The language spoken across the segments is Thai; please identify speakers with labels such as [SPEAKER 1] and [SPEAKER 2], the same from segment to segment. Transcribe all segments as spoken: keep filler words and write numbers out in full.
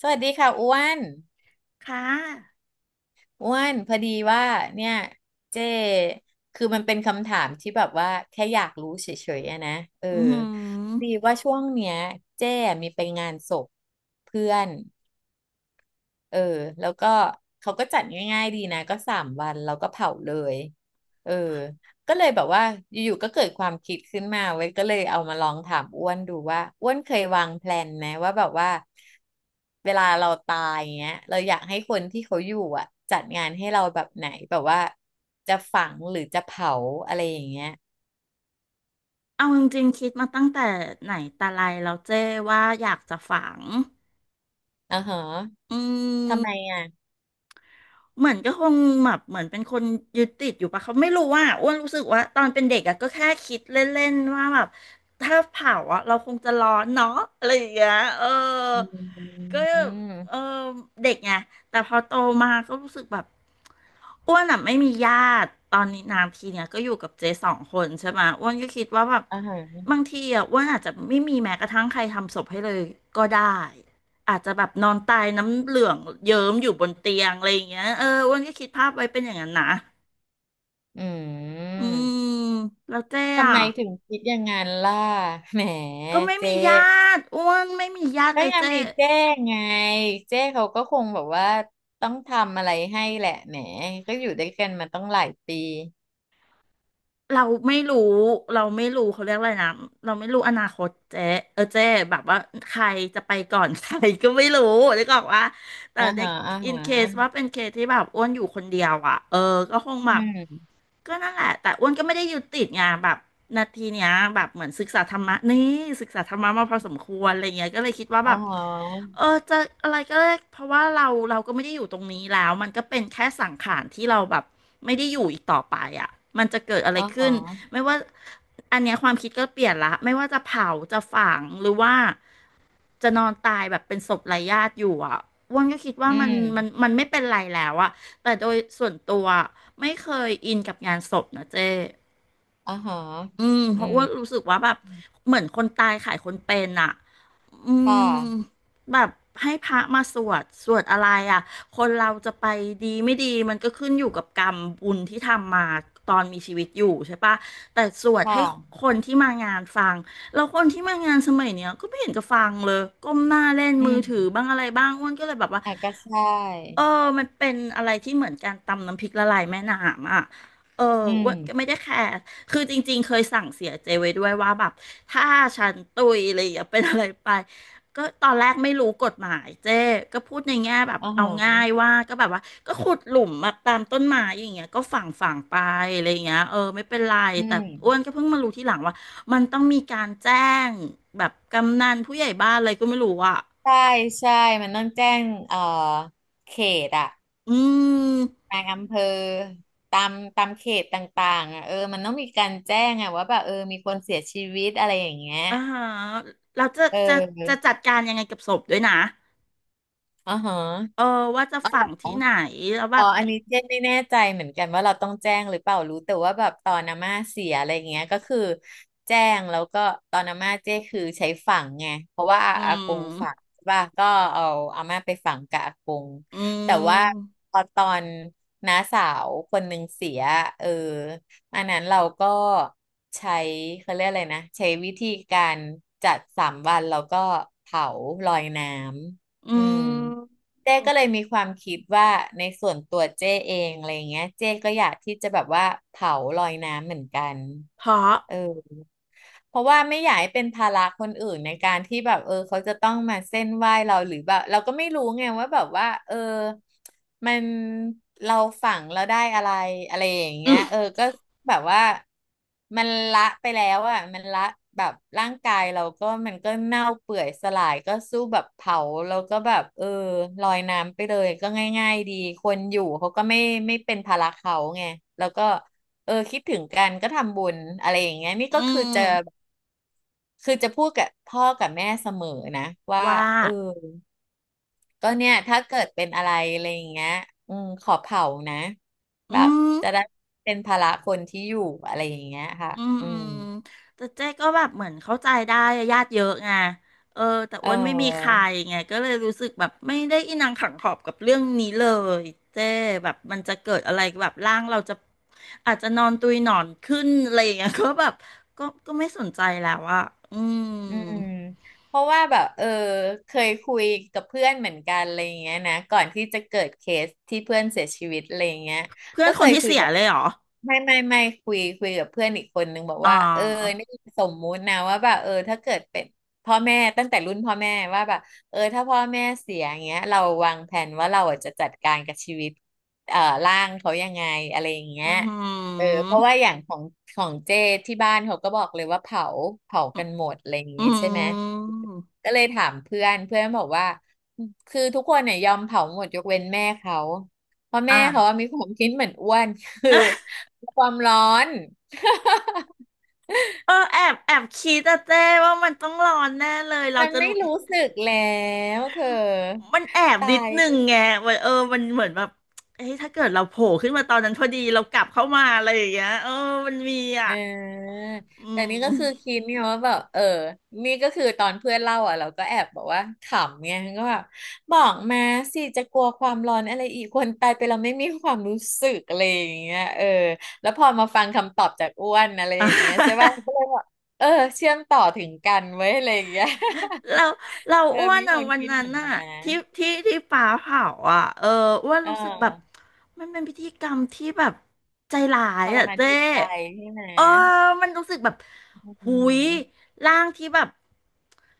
[SPEAKER 1] สวัสดีค่ะอ้วน
[SPEAKER 2] ค่ะ
[SPEAKER 1] อ้วนพอดีว่าเนี่ยเจ้คือมันเป็นคำถามที่แบบว่าแค่อยากรู้เฉยๆอะนะเออ
[SPEAKER 2] อือหื
[SPEAKER 1] พอดี
[SPEAKER 2] อ
[SPEAKER 1] ว่าช่วงเนี้ยเจ้มีไปงานศพเพื่อน เออแล้วก็เขาก็จัดง่ายๆดีนะก็สามวันเราก็เผาเลยเออก็เลยแบบว่าอยู่ๆก็เกิดความคิดขึ้นมาเว้ยก็เลยเอามาลองถามอ้วนดูว่าอ้วนเคยวางแพลนไหมว่าแบบว่าเวลาเราตายเงี้ยเราอยากให้คนที่เขาอยู่อ่ะจัดงานให้เราแบบไหนแบบว่าจะฝังหรือจะเผาอะไรอย่างเงี้ย
[SPEAKER 2] เอาจริงๆคิดมาตั้งแต่ไหนแต่ไรแล้วเจ้ว่าอยากจะฝัง
[SPEAKER 1] อ่าฮะ
[SPEAKER 2] อื
[SPEAKER 1] ทำไม
[SPEAKER 2] ม
[SPEAKER 1] อ่ะ
[SPEAKER 2] เหมือนก็คงแบบเหมือนเป็นคนยึดติดอยู่ปะเขาไม่รู้ว่าอ้วนรู้สึกว่าตอนเป็นเด็กอะก็แค่คิดเล่นๆว่าแบบถ้าเผาอะเราคงจะร้อนเนาะอะไรอย่างเงี้ยเออ
[SPEAKER 1] อืม
[SPEAKER 2] ก็เ
[SPEAKER 1] อืม
[SPEAKER 2] ออเด็กไงแต่พอโตมาก็รู้สึกแบบอ้วนอ่ะไม่มีญาติตอนนี้นานทีเนี่ยก็อยู่กับเจ๊สองคนใช่ไหมอ้วนก็คิดว่าแบบ
[SPEAKER 1] อ่าฮะ
[SPEAKER 2] บางทีอ่ะอ้วนอาจจะไม่มีแม้กระทั่งใครทำศพให้เลยก็ได้อาจจะแบบนอนตายน้ำเหลืองเยิ้มอยู่บนเตียงอะไรอย่างเงี้ยเอออ้วนก็คิดภาพไว้เป็นอย่างนั้นนะ
[SPEAKER 1] อื
[SPEAKER 2] อืม
[SPEAKER 1] ม
[SPEAKER 2] แล้วเจ๊
[SPEAKER 1] ทำ
[SPEAKER 2] อ่ะ
[SPEAKER 1] ไมถึงคิดอย่างนั้นล่ะแหม
[SPEAKER 2] ก็ไม่
[SPEAKER 1] เจ๊
[SPEAKER 2] มีญาติอ้วนไม่มีญาติ
[SPEAKER 1] ก็
[SPEAKER 2] เลย
[SPEAKER 1] ยัง
[SPEAKER 2] เจ๊
[SPEAKER 1] มีเจ๊ไงเจ๊เขาก็คงแบบว่าต้องทำอะไรให้แหละแหมก็อยู่ด้วยกันมาต้องหลายปี
[SPEAKER 2] เราไม่รู้เราไม่รู้เขาเรียกอะไรนะเราไม่รู้อนาคตเจ๊เออเจ๊แบบว่าใครจะไปก่อน ใครก็ไม่รู้นึกออกว่าแต่
[SPEAKER 1] อ่า
[SPEAKER 2] ใน
[SPEAKER 1] ฮะอ่า
[SPEAKER 2] อิน
[SPEAKER 1] ฮ
[SPEAKER 2] เคสว่า
[SPEAKER 1] ะ
[SPEAKER 2] เป็นเคสที่แบบอ้วนอยู่คนเดียวอ่ะเออก็คงแบ
[SPEAKER 1] อื
[SPEAKER 2] บ
[SPEAKER 1] ม
[SPEAKER 2] ก็นั่นแหละแต่อ้วนก็ไม่ได้ยึดติดไงแบบนาทีเนี้ยแบบเหมือนศึกษาธรรมะนี่ศึกษาธรรมะมาพอสมควรอะไรเงี้ยก็เลยคิดว่าแบ
[SPEAKER 1] อ่า
[SPEAKER 2] บ
[SPEAKER 1] ฮะ
[SPEAKER 2] เออจะอะไรก็ได้เพราะว่าเราเราก็ไม่ได้อยู่ตรงนี้แล้วมันก็เป็นแค่สังขารที่เราแบบไม่ได้อยู่อีกต่อไปอ่ะมันจะเกิดอะไร
[SPEAKER 1] อ่าฮ
[SPEAKER 2] ขึ้น
[SPEAKER 1] ะ
[SPEAKER 2] ไม่ว่าอันเนี้ยความคิดก็เปลี่ยนละไม่ว่าจะเผาจะฝังหรือว่าจะนอนตายแบบเป็นศพไร้ญาติอยู่อ่ะอ้วนก็คิดว่า
[SPEAKER 1] อื
[SPEAKER 2] มันมัน
[SPEAKER 1] ม
[SPEAKER 2] มันไม่เป็นไรแล้วอ่ะแต่โดยส่วนตัวไม่เคยอินกับงานศพนะเจ้
[SPEAKER 1] อ่าฮะ
[SPEAKER 2] อืมเพ
[SPEAKER 1] อื
[SPEAKER 2] ราะว่า
[SPEAKER 1] ม
[SPEAKER 2] รู้สึกว่าแบบเหมือนคนตายขายคนเป็นอ่ะอืม
[SPEAKER 1] ค่ะ
[SPEAKER 2] แบบให้พระมาสวดสวดอะไรอ่ะคนเราจะไปดีไม่ดีมันก็ขึ้นอยู่กับกรรมบุญที่ทำมาตอนมีชีวิตอยู่ใช่ปะแต่สวด
[SPEAKER 1] ค
[SPEAKER 2] ให้
[SPEAKER 1] ่ะ
[SPEAKER 2] คนที่มางานฟังแล้วคนที่มางานสมัยเนี้ยก็ไม่เห็นจะฟังเลยก้มหน้าเล่น
[SPEAKER 1] อื
[SPEAKER 2] มือถือ
[SPEAKER 1] ม
[SPEAKER 2] บ้างอะไรบ้างอ้วนก็เลยแบบว่า
[SPEAKER 1] อ่ะก็ใช่
[SPEAKER 2] เออมันเป็นอะไรที่เหมือนการตำน้ำพริกละลายแม่น้ำอ่ะเออ
[SPEAKER 1] อืม
[SPEAKER 2] อ้วนก็ไม่ได้แคร์ คือจริงๆ เคยสั่งเสียเจไว้ด้วยว่าแบบถ้าฉันตุยอะไรอย่างเงี้ยเป็นอะไรไปก็ตอนแรกไม่รู้กฎหมายเจ๊ก็พูดในแง่แบบ
[SPEAKER 1] อ่า
[SPEAKER 2] เอา
[SPEAKER 1] ฮะ
[SPEAKER 2] ง่ายว่าก็แบบว่าก็ขุดหลุมมาตามต้นไม้อย่างเงี้ยก็ฝังฝังไปอะไรอย่างเงี้ยเออไม่เป็นไร
[SPEAKER 1] อื
[SPEAKER 2] แต่
[SPEAKER 1] ม
[SPEAKER 2] อ้วนก็เพิ่งมารู้ทีหลังว่ามันต้องมีการแจ้งแบบกำนันผู้ใหญ่บ้านอะไรก็ไม่รู้อ่ะ
[SPEAKER 1] ใช่ใช่มันต้องแจ้งเอ่อเขตอะ
[SPEAKER 2] อืม
[SPEAKER 1] บางอำเภอตามตามเขตต่างๆอ่ะเออมันต้องมีการแจ้งอ่ะว่าแบบเออมีคนเสียชีวิตอะไรอย่างเงี้ย
[SPEAKER 2] อ่าฮะเราจะ
[SPEAKER 1] เ
[SPEAKER 2] จะจะ
[SPEAKER 1] ออ
[SPEAKER 2] จัดการยังไงกับศพด้วยนะ
[SPEAKER 1] อ๋อฮะ
[SPEAKER 2] เออว่าจะ
[SPEAKER 1] อ๋อ
[SPEAKER 2] ฝั
[SPEAKER 1] เหรอ
[SPEAKER 2] งที่ไหน
[SPEAKER 1] อ
[SPEAKER 2] แล้วแบ
[SPEAKER 1] ๋อ
[SPEAKER 2] บ
[SPEAKER 1] อันนี้เจ๊ไม่แน่ใจเหมือนกันว่าเราต้องแจ้งหรือเปล่ารู้แต่ว่าแบบตอนอาม่าเสียอะไรเงี้ยก็คือแจ้งแล้วก็ตอนอาม่าเจ๊คือใช้ฝังไงเพราะว่าอา
[SPEAKER 2] อื
[SPEAKER 1] อาก
[SPEAKER 2] ม
[SPEAKER 1] งฝังใช่ป่ะก็เอาอาม่าไปฝังกับอากง
[SPEAKER 2] อื
[SPEAKER 1] แต่ว่า
[SPEAKER 2] ม
[SPEAKER 1] พอตอนน้าสาวคนหนึ่งเสียเอออันนั้นเราก็ใช้เขาเรียกอะไรนะใช้วิธีการจัดสามวันแล้วก็เผาลอยน้
[SPEAKER 2] อื
[SPEAKER 1] ำอืม
[SPEAKER 2] ม
[SPEAKER 1] เจ้ก็เลยมีความคิดว่าในส่วนตัวเจ้เองอะไรเงี้ยเจ้ก็อยากที่จะแบบว่าเผาลอยน้ำเหมือนกัน
[SPEAKER 2] เพราะ
[SPEAKER 1] เออ เพราะว่าไม่อยากให้เป็นภาระคนอื่นในการที่แบบเออเขาจะต้องมาเส้นไหว้เราหรือแบบเราก็ไม่รู้ไงว่าแบบว่าเออมันเราฝังเราได้อะไรอะไรอย่าง
[SPEAKER 2] อื
[SPEAKER 1] เงี้ย
[SPEAKER 2] ม
[SPEAKER 1] เออก็แบบว่ามันละไปแล้วอ่ะมันละแบบร่างกายเราก็มันก็เน่าเปื่อยสลายก็สู้แบบเผาแล้วก็แบบเออลอยน้ำไปเลยก็ง่ายๆดีคนอยู่เขาก็ไม่ไม่เป็นภาระเขาไงแล้วก็ เออคิดถึงกันก็ทำบุญอะไรอย่างเงี้ยนี่
[SPEAKER 2] อื
[SPEAKER 1] ก็คือ
[SPEAKER 2] ม
[SPEAKER 1] จะคือจะพูดกับพ่อกับแม่เสมอนะว่า
[SPEAKER 2] ว่า
[SPEAKER 1] เออก็เนี่ยถ้าเกิดเป็นอะไรอะไรอย่างเงี้ยอืมขอเผานะแบ
[SPEAKER 2] อื
[SPEAKER 1] บ
[SPEAKER 2] ม
[SPEAKER 1] จะได้เป็นภาระคนที่อยู่อะไรอย่างเงี้ยค่ะ
[SPEAKER 2] อืม
[SPEAKER 1] อื
[SPEAKER 2] อื
[SPEAKER 1] ม
[SPEAKER 2] มแต่เจ๊ก็แบบเหมือนเข้าใจได้อะญาติเยอะไงเออแต่
[SPEAKER 1] เ
[SPEAKER 2] อ้วนไม่มีใคร
[SPEAKER 1] ออ
[SPEAKER 2] ไงก็เลยรู้สึกแบบไม่ได้อินังขังขอบกับเรื่องนี้เลยเจ๊แบบมันจะเกิดอะไรแบบร่างเราจะอาจจะนอนตุยหนอนขึ้นอะไรอย่างเงี้ย ก็แบบก็ก็ไม่สนใจแล้วอะอืม
[SPEAKER 1] อืมเพราะว่าแบบเออเคยคุยกับเพื่อนเหมือนกันอะไรอย่างเงี้ยนะก่อนที่จะเกิดเคสที่เพื่อนเสียชีวิตอะไรอย่างเงี้ย
[SPEAKER 2] เพื่อน
[SPEAKER 1] ก็
[SPEAKER 2] ค
[SPEAKER 1] เค
[SPEAKER 2] น
[SPEAKER 1] ย
[SPEAKER 2] ที่
[SPEAKER 1] คุย
[SPEAKER 2] เสีย
[SPEAKER 1] กับ
[SPEAKER 2] เลยเหรอ
[SPEAKER 1] ไม่ไม่ไม่คุยคุยกับเพื่อนอีกคนนึงบอก
[SPEAKER 2] อ๋
[SPEAKER 1] ว่าเออ
[SPEAKER 2] อ
[SPEAKER 1] นี่สมมุตินะว่าแบบเออถ้าเกิดเป็นพ่อแม่ตั้งแต่รุ่นพ่อแม่ว่าแบบเออถ้าพ่อแม่เสียอย่างเงี้ยเราวางแผนว่าเราอ่ะจะจัดการกับชีวิตเอ่อร่างเขายังไงอะไรอย่างเงี้ย
[SPEAKER 2] อือหื
[SPEAKER 1] เออเพราะว่าอ
[SPEAKER 2] อ
[SPEAKER 1] ย่างของของเจที่บ้านเขาก็บอกเลยว่าเผาเผากันหมดอะไรอย่าง
[SPEAKER 2] อื
[SPEAKER 1] งี้ใช่ไหม
[SPEAKER 2] ม
[SPEAKER 1] ก็เลยถามเพื่อนเพื่อนบอกว่าคือทุกคนเนี่ยยอมเผาหมดยกเว้นแม่เขาเพราะแม่
[SPEAKER 2] อ่ะ
[SPEAKER 1] เขาว่ามีความคิดเหมือนอ้วนคือ ความร้อน
[SPEAKER 2] เออแอบแอบคิดอะเจ้ว่ามันต้องร้อนแน่เลยเรา
[SPEAKER 1] มัน
[SPEAKER 2] จะ
[SPEAKER 1] ไม่
[SPEAKER 2] รู้
[SPEAKER 1] รู้สึกแล้วเธอ
[SPEAKER 2] มันแอบนิ
[SPEAKER 1] ตา
[SPEAKER 2] ด
[SPEAKER 1] ย
[SPEAKER 2] นึงไงวัเออ มันเหมือนแบบเอ้ยถ้าเกิดเราโผล่ขึ้นมาตอนนั้นพอดีเรากลับเข้ามาอะไรอย่างเงี้ยเออ มันมี
[SPEAKER 1] เ
[SPEAKER 2] อ่ะ
[SPEAKER 1] ออ
[SPEAKER 2] อื
[SPEAKER 1] แต่นี่ก็
[SPEAKER 2] ม
[SPEAKER 1] คือคิดเนี่ยว่าแบบเออนี่ก็คือตอนเพื่อนเล่าอ่ะเราก็แอบบอกว่าขำไงก็แบบบอกมาสิจะกลัวความร้อนอะไรอีกคนตายไปเราไม่มีความรู้สึกอะไรอย่างเงี้ยเออแล้วพอมาฟังคำตอบจากอ้วนอะไร
[SPEAKER 2] อ่
[SPEAKER 1] อย่างเงี้ยใช่
[SPEAKER 2] ะ
[SPEAKER 1] ป่ะก็เลยแบบเออเชื่อมต่อถึงกันไว้ยอะไรอย่างเงี้ย
[SPEAKER 2] เรา เรา
[SPEAKER 1] เออ
[SPEAKER 2] อ้วน
[SPEAKER 1] มีค
[SPEAKER 2] อ่ะ
[SPEAKER 1] น
[SPEAKER 2] วัน
[SPEAKER 1] คิด
[SPEAKER 2] นั้
[SPEAKER 1] เห
[SPEAKER 2] น
[SPEAKER 1] มือน
[SPEAKER 2] อ่ะ
[SPEAKER 1] มานนะ
[SPEAKER 2] ที่ที่ที่ป่าเผาอ่ะเอออ้วน
[SPEAKER 1] เอ
[SPEAKER 2] รู้สึกแบบ
[SPEAKER 1] อ
[SPEAKER 2] มันเป็นพิธีกรรมที่แบบใจร้า
[SPEAKER 1] ท
[SPEAKER 2] ย
[SPEAKER 1] ร
[SPEAKER 2] อ่ะ
[SPEAKER 1] มาน
[SPEAKER 2] เจ้
[SPEAKER 1] จิตใจใช่ไหม
[SPEAKER 2] เออมันรู้สึกแบบ
[SPEAKER 1] อื
[SPEAKER 2] หุย
[SPEAKER 1] ม
[SPEAKER 2] ร่างที่แบบ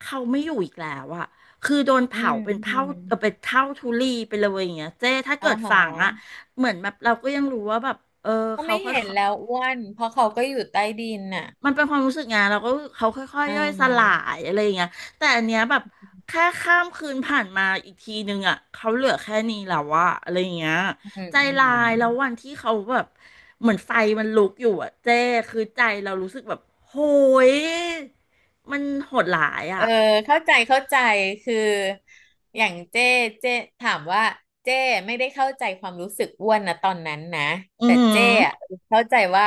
[SPEAKER 2] เขาไม่อยู่อีกแล้วอ่ะคือโดน
[SPEAKER 1] อื
[SPEAKER 2] เผา
[SPEAKER 1] ม
[SPEAKER 2] เป็น
[SPEAKER 1] อื
[SPEAKER 2] เท่า
[SPEAKER 1] ม
[SPEAKER 2] เออเป็นเท่าทุลีไปเลยอย่างเงี้ยเจ้ถ้า
[SPEAKER 1] อ๋
[SPEAKER 2] เกิ
[SPEAKER 1] อ
[SPEAKER 2] ด
[SPEAKER 1] เหรอ
[SPEAKER 2] ฝังอ่ะเหมือนแบบเราก็ยังรู้ว่าแบบเออ
[SPEAKER 1] ก็
[SPEAKER 2] เขา
[SPEAKER 1] ไม่
[SPEAKER 2] ค่อย
[SPEAKER 1] เห็นแล้วอ้วนเพราะเขาก็อยู่ใต้ดินน่ะ
[SPEAKER 2] มันเป็นความรู้สึกไงเราก็เขาค่อย
[SPEAKER 1] อื
[SPEAKER 2] ๆย่อยสลา
[SPEAKER 1] ม
[SPEAKER 2] ยอะไรอย่างเงี้ยแต่อันเนี้ยแบบแค่ข้ามคืนผ่านมาอีกทีนึงอ่ะเขาเหลือแค่นี้แล้วอะอะไรอย่างเงี้ย
[SPEAKER 1] อืม
[SPEAKER 2] ใจ
[SPEAKER 1] อื
[SPEAKER 2] ลา
[SPEAKER 1] ม
[SPEAKER 2] ยแล้ววันที่เขาแบบเหมือนไฟมันลุกอยู่อะเจ้คือใจเรารู้สึกแบบโหยมันโหดหลาย
[SPEAKER 1] เออ
[SPEAKER 2] อ่ะ
[SPEAKER 1] เข้าใจเข้าใจคืออย่างเจ้เจ้ถามว่าเจ้ไม่ได้เข้าใจความรู้สึกอ้วนนะตอนนั้นนะ
[SPEAKER 2] อือ
[SPEAKER 1] แต่
[SPEAKER 2] หือ
[SPEAKER 1] เจ้อะเข้าใจว่า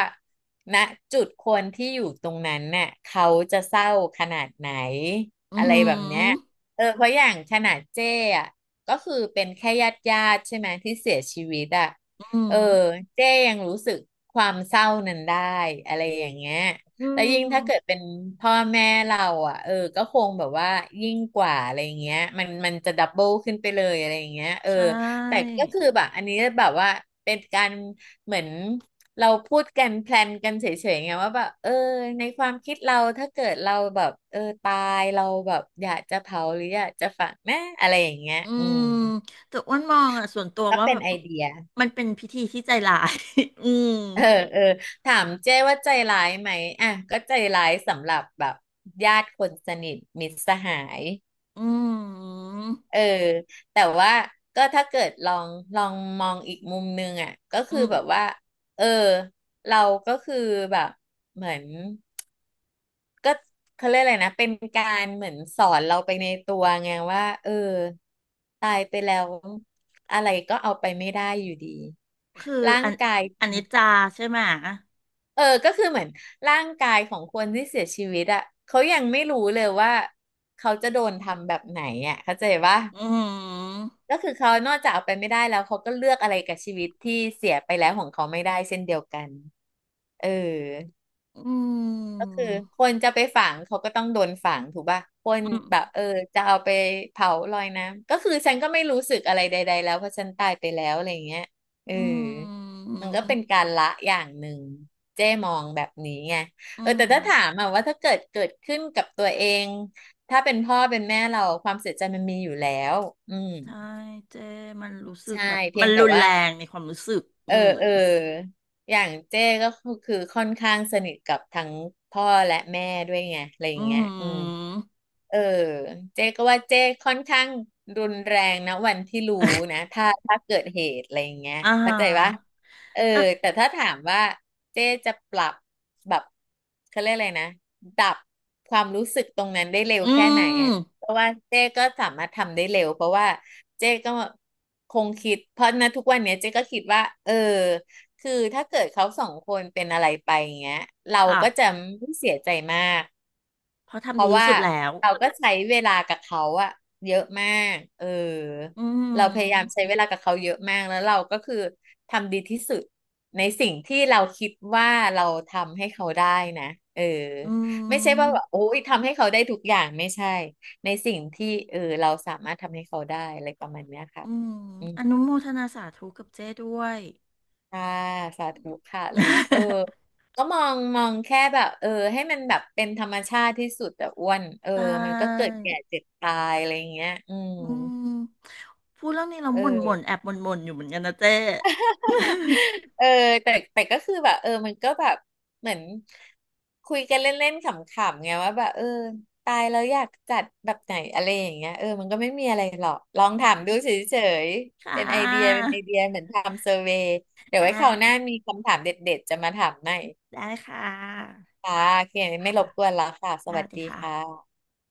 [SPEAKER 1] ณจุดคนที่อยู่ตรงนั้นน่ะเขาจะเศร้าขนาดไหน
[SPEAKER 2] อือ
[SPEAKER 1] อะไร
[SPEAKER 2] หื
[SPEAKER 1] แบบเนี้ย
[SPEAKER 2] อ
[SPEAKER 1] เออเพราะอย่างขนาดเจ้อะก็คือเป็นแค่ญาติญาติใช่ไหมที่เสียชีวิตอะ
[SPEAKER 2] อือหือ
[SPEAKER 1] เออเจ้ยังรู้สึกความเศร้านั้นได้อะไรอย่างเงี้ย
[SPEAKER 2] อื
[SPEAKER 1] แล้วยิ่งถ้าเกิด
[SPEAKER 2] ม
[SPEAKER 1] เป็นพ่อแม่เราอ่ะเออก็คงแบบว่ายิ่งกว่าอะไรอย่างเงี้ยมันมันจะดับเบิลขึ้นไปเลยอะไรอย่างเงี้ยเออ
[SPEAKER 2] ใช
[SPEAKER 1] แต่
[SPEAKER 2] ่
[SPEAKER 1] ก็คือแบบอันนี้แบบว่าเป็นการเหมือนเราพูดกันแพลนกันเฉยๆไงว่าแบบเออในความคิดเราถ้าเกิดเราแบบเออตายเราแบบอยากจะเผาหรืออยากจะฝังนะอะไรอย่างเงี้ย
[SPEAKER 2] อื
[SPEAKER 1] อืม
[SPEAKER 2] มแต่อ้วนมองอ่ะส่วนตัว
[SPEAKER 1] ก็
[SPEAKER 2] ว่า
[SPEAKER 1] เป็
[SPEAKER 2] แบ
[SPEAKER 1] น
[SPEAKER 2] บ
[SPEAKER 1] ไอเดีย
[SPEAKER 2] มันเป็นพิธีที่ใจร้าย อืม
[SPEAKER 1] เออเออถามเจ้ว่าใจร้ายไหมอ่ะก็ใจร้ายสำหรับแบบญาติคนสนิทมิตรสหาย
[SPEAKER 2] อืม
[SPEAKER 1] เออแต่ว่าก็ถ้าเกิดลองลองมองอีกมุมนึงอ่ะก็
[SPEAKER 2] อื
[SPEAKER 1] คือ
[SPEAKER 2] ม
[SPEAKER 1] แบบว่าเออเราก็คือแบบเหมือนก็เขาเรียกอะไรนะเป็นการเหมือนสอนเราไปในตัวไงว่าเออตายไปแล้วอะไรก็เอาไปไม่ได้อยู่ดี
[SPEAKER 2] คือ
[SPEAKER 1] ร่าง
[SPEAKER 2] อัน
[SPEAKER 1] กาย
[SPEAKER 2] อันนี้จาใช่ไหม
[SPEAKER 1] เออก็คือเหมือนร่างกายของคนที่เสียชีวิตอ่ะเขายังไม่รู้เลยว่าเขาจะโดนทำแบบไหนอ่ะเข้าใจปะ
[SPEAKER 2] อืม
[SPEAKER 1] ก็คือเขานอกจากเอาไปไม่ได้แล้วเขาก็เลือกอะไรกับชีวิตที่เสียไปแล้วของเขาไม่ได้เช่นเดียวกันเออ
[SPEAKER 2] อื
[SPEAKER 1] ก็
[SPEAKER 2] ม
[SPEAKER 1] คือคนจะไปฝังเขาก็ต้องโดนฝังถูกป่ะคน
[SPEAKER 2] อืม
[SPEAKER 1] แบบเออจะเอาไปเผาลอยน้ำก็คือฉันก็ไม่รู้สึกอะไรใดๆแล้วเพราะฉันตายไปแล้วอะไรอย่างเงี้ยเออ
[SPEAKER 2] อื
[SPEAKER 1] มันก็
[SPEAKER 2] ม
[SPEAKER 1] เป็นการละอย่างหนึ่งเจ้มองแบบนี้ไง
[SPEAKER 2] อื
[SPEAKER 1] เออ
[SPEAKER 2] ม
[SPEAKER 1] แต่ถ้าถามอะว่าถ้าเกิดเกิดขึ้นกับตัวเองถ้าเป็นพ่อเป็นแม่เราความเสียใจมันมีอยู่แล้วอืม
[SPEAKER 2] ใช่เจมันรู้สึก
[SPEAKER 1] ใช่
[SPEAKER 2] แบบ
[SPEAKER 1] เพี
[SPEAKER 2] มั
[SPEAKER 1] ย
[SPEAKER 2] น
[SPEAKER 1] งแต่
[SPEAKER 2] รุนแร
[SPEAKER 1] ว่า
[SPEAKER 2] งในความรู้สึกอื
[SPEAKER 1] เออ
[SPEAKER 2] ม
[SPEAKER 1] เอออย่างเจ้ก็คือคือค่อนข้างสนิทกับทั้งพ่อและแม่ด้วยไงอะไรอย่า
[SPEAKER 2] อื
[SPEAKER 1] งเงี้ยอืม
[SPEAKER 2] ม
[SPEAKER 1] เออเจ๊ก็ว่าเจ๊ค่อนข้างรุนแรงนะวันที่รู้นะ ถ้าถ้าเกิดเหตุอะไรอย่างเงี้ย
[SPEAKER 2] อ่า
[SPEAKER 1] เข้า
[SPEAKER 2] ฮะ
[SPEAKER 1] ใจปะเออ
[SPEAKER 2] แล้ว
[SPEAKER 1] แต่ถ้าถามว่าเจ๊จะปรับแบบเขาเรียกอะไรนะดับความรู้สึกตรงนั้นได้เร็ว
[SPEAKER 2] อื
[SPEAKER 1] แค่ไหนอะ
[SPEAKER 2] ม
[SPEAKER 1] เพราะว่าเจ๊ก็สามารถทำได้เร็วเพราะว่าเจ๊ก็คงคิดเพราะนะทุกวันเนี้ยเจ๊ก็คิดว่าเออคือถ้าเกิดเขาสองคนเป็นอะไรไปอย่างเงี้ยเรา
[SPEAKER 2] ค่ะ
[SPEAKER 1] ก็จะไม่เสียใจมาก
[SPEAKER 2] เพราะ
[SPEAKER 1] เพ
[SPEAKER 2] ทำดี
[SPEAKER 1] ราะ
[SPEAKER 2] ที่
[SPEAKER 1] ว่า
[SPEAKER 2] สุดแล้ว
[SPEAKER 1] เราก็ใช้เวลากับเขาอะเยอะมากเออ
[SPEAKER 2] อื
[SPEAKER 1] เราพยายาม
[SPEAKER 2] ม
[SPEAKER 1] ใช้เวลากับเขาเยอะมากแล้วเราก็คือทำดีที่สุดในสิ่งที่เราคิดว่าเราทำให้เขาได้นะเออ
[SPEAKER 2] อื
[SPEAKER 1] ไม่ใช่ว่าแบ
[SPEAKER 2] ม
[SPEAKER 1] บโอ้ยทำให้เขาได้ทุกอย่างไม่ใช่ ในสิ่งที่เออเราสามารถทำให้เขาได้อะไรประมาณเนี้ยค่ะ
[SPEAKER 2] อืมอนุโมทนาสาธุกับเจ้ด้วย
[SPEAKER 1] ค่ะสาธุค่ะอะไรอย่างเงี้ยเออก็มองมองแค่แบบเออให้มันแบบเป็นธรรมชาติที่สุดแต่อ้วนเออ
[SPEAKER 2] ใช่
[SPEAKER 1] มันก็เกิดแก่เจ็บตายอะไรอย่างเงี้ยอืม
[SPEAKER 2] อืมพูดเรื่องนี้เรา
[SPEAKER 1] เ
[SPEAKER 2] บ่นบ่น
[SPEAKER 1] ออ
[SPEAKER 2] แอบบ่นบ่นอยู่เหมือนกันนะเจ๊
[SPEAKER 1] เออแต่แต่ก็คือแบบเออมันก็แบบเหมือนคุยกันเล่นๆขำๆไงว่าแบบเออตายแล้วอยากจัดแบบไหนอะไรอย่างเงี้ยเออมันก็ไม่มีอะไรหรอกลองถามดู เฉย
[SPEAKER 2] ค่
[SPEAKER 1] ๆเป็นไอเดีย
[SPEAKER 2] ะ
[SPEAKER 1] เป็นไอเดียเหมือนทำเซอร์เวย์เดี๋ยว
[SPEAKER 2] อ่
[SPEAKER 1] ไว้คราวหน้า
[SPEAKER 2] า
[SPEAKER 1] มีคำถามเด็ดๆจะมาถามใหม่
[SPEAKER 2] ได้ค่ะ
[SPEAKER 1] ค่ะโอเคไม่
[SPEAKER 2] ค่ะ
[SPEAKER 1] รบกวนแล้วค่ะ ส
[SPEAKER 2] อ่า
[SPEAKER 1] วัส
[SPEAKER 2] ดี
[SPEAKER 1] ดี
[SPEAKER 2] ค่ะ
[SPEAKER 1] ค่ะ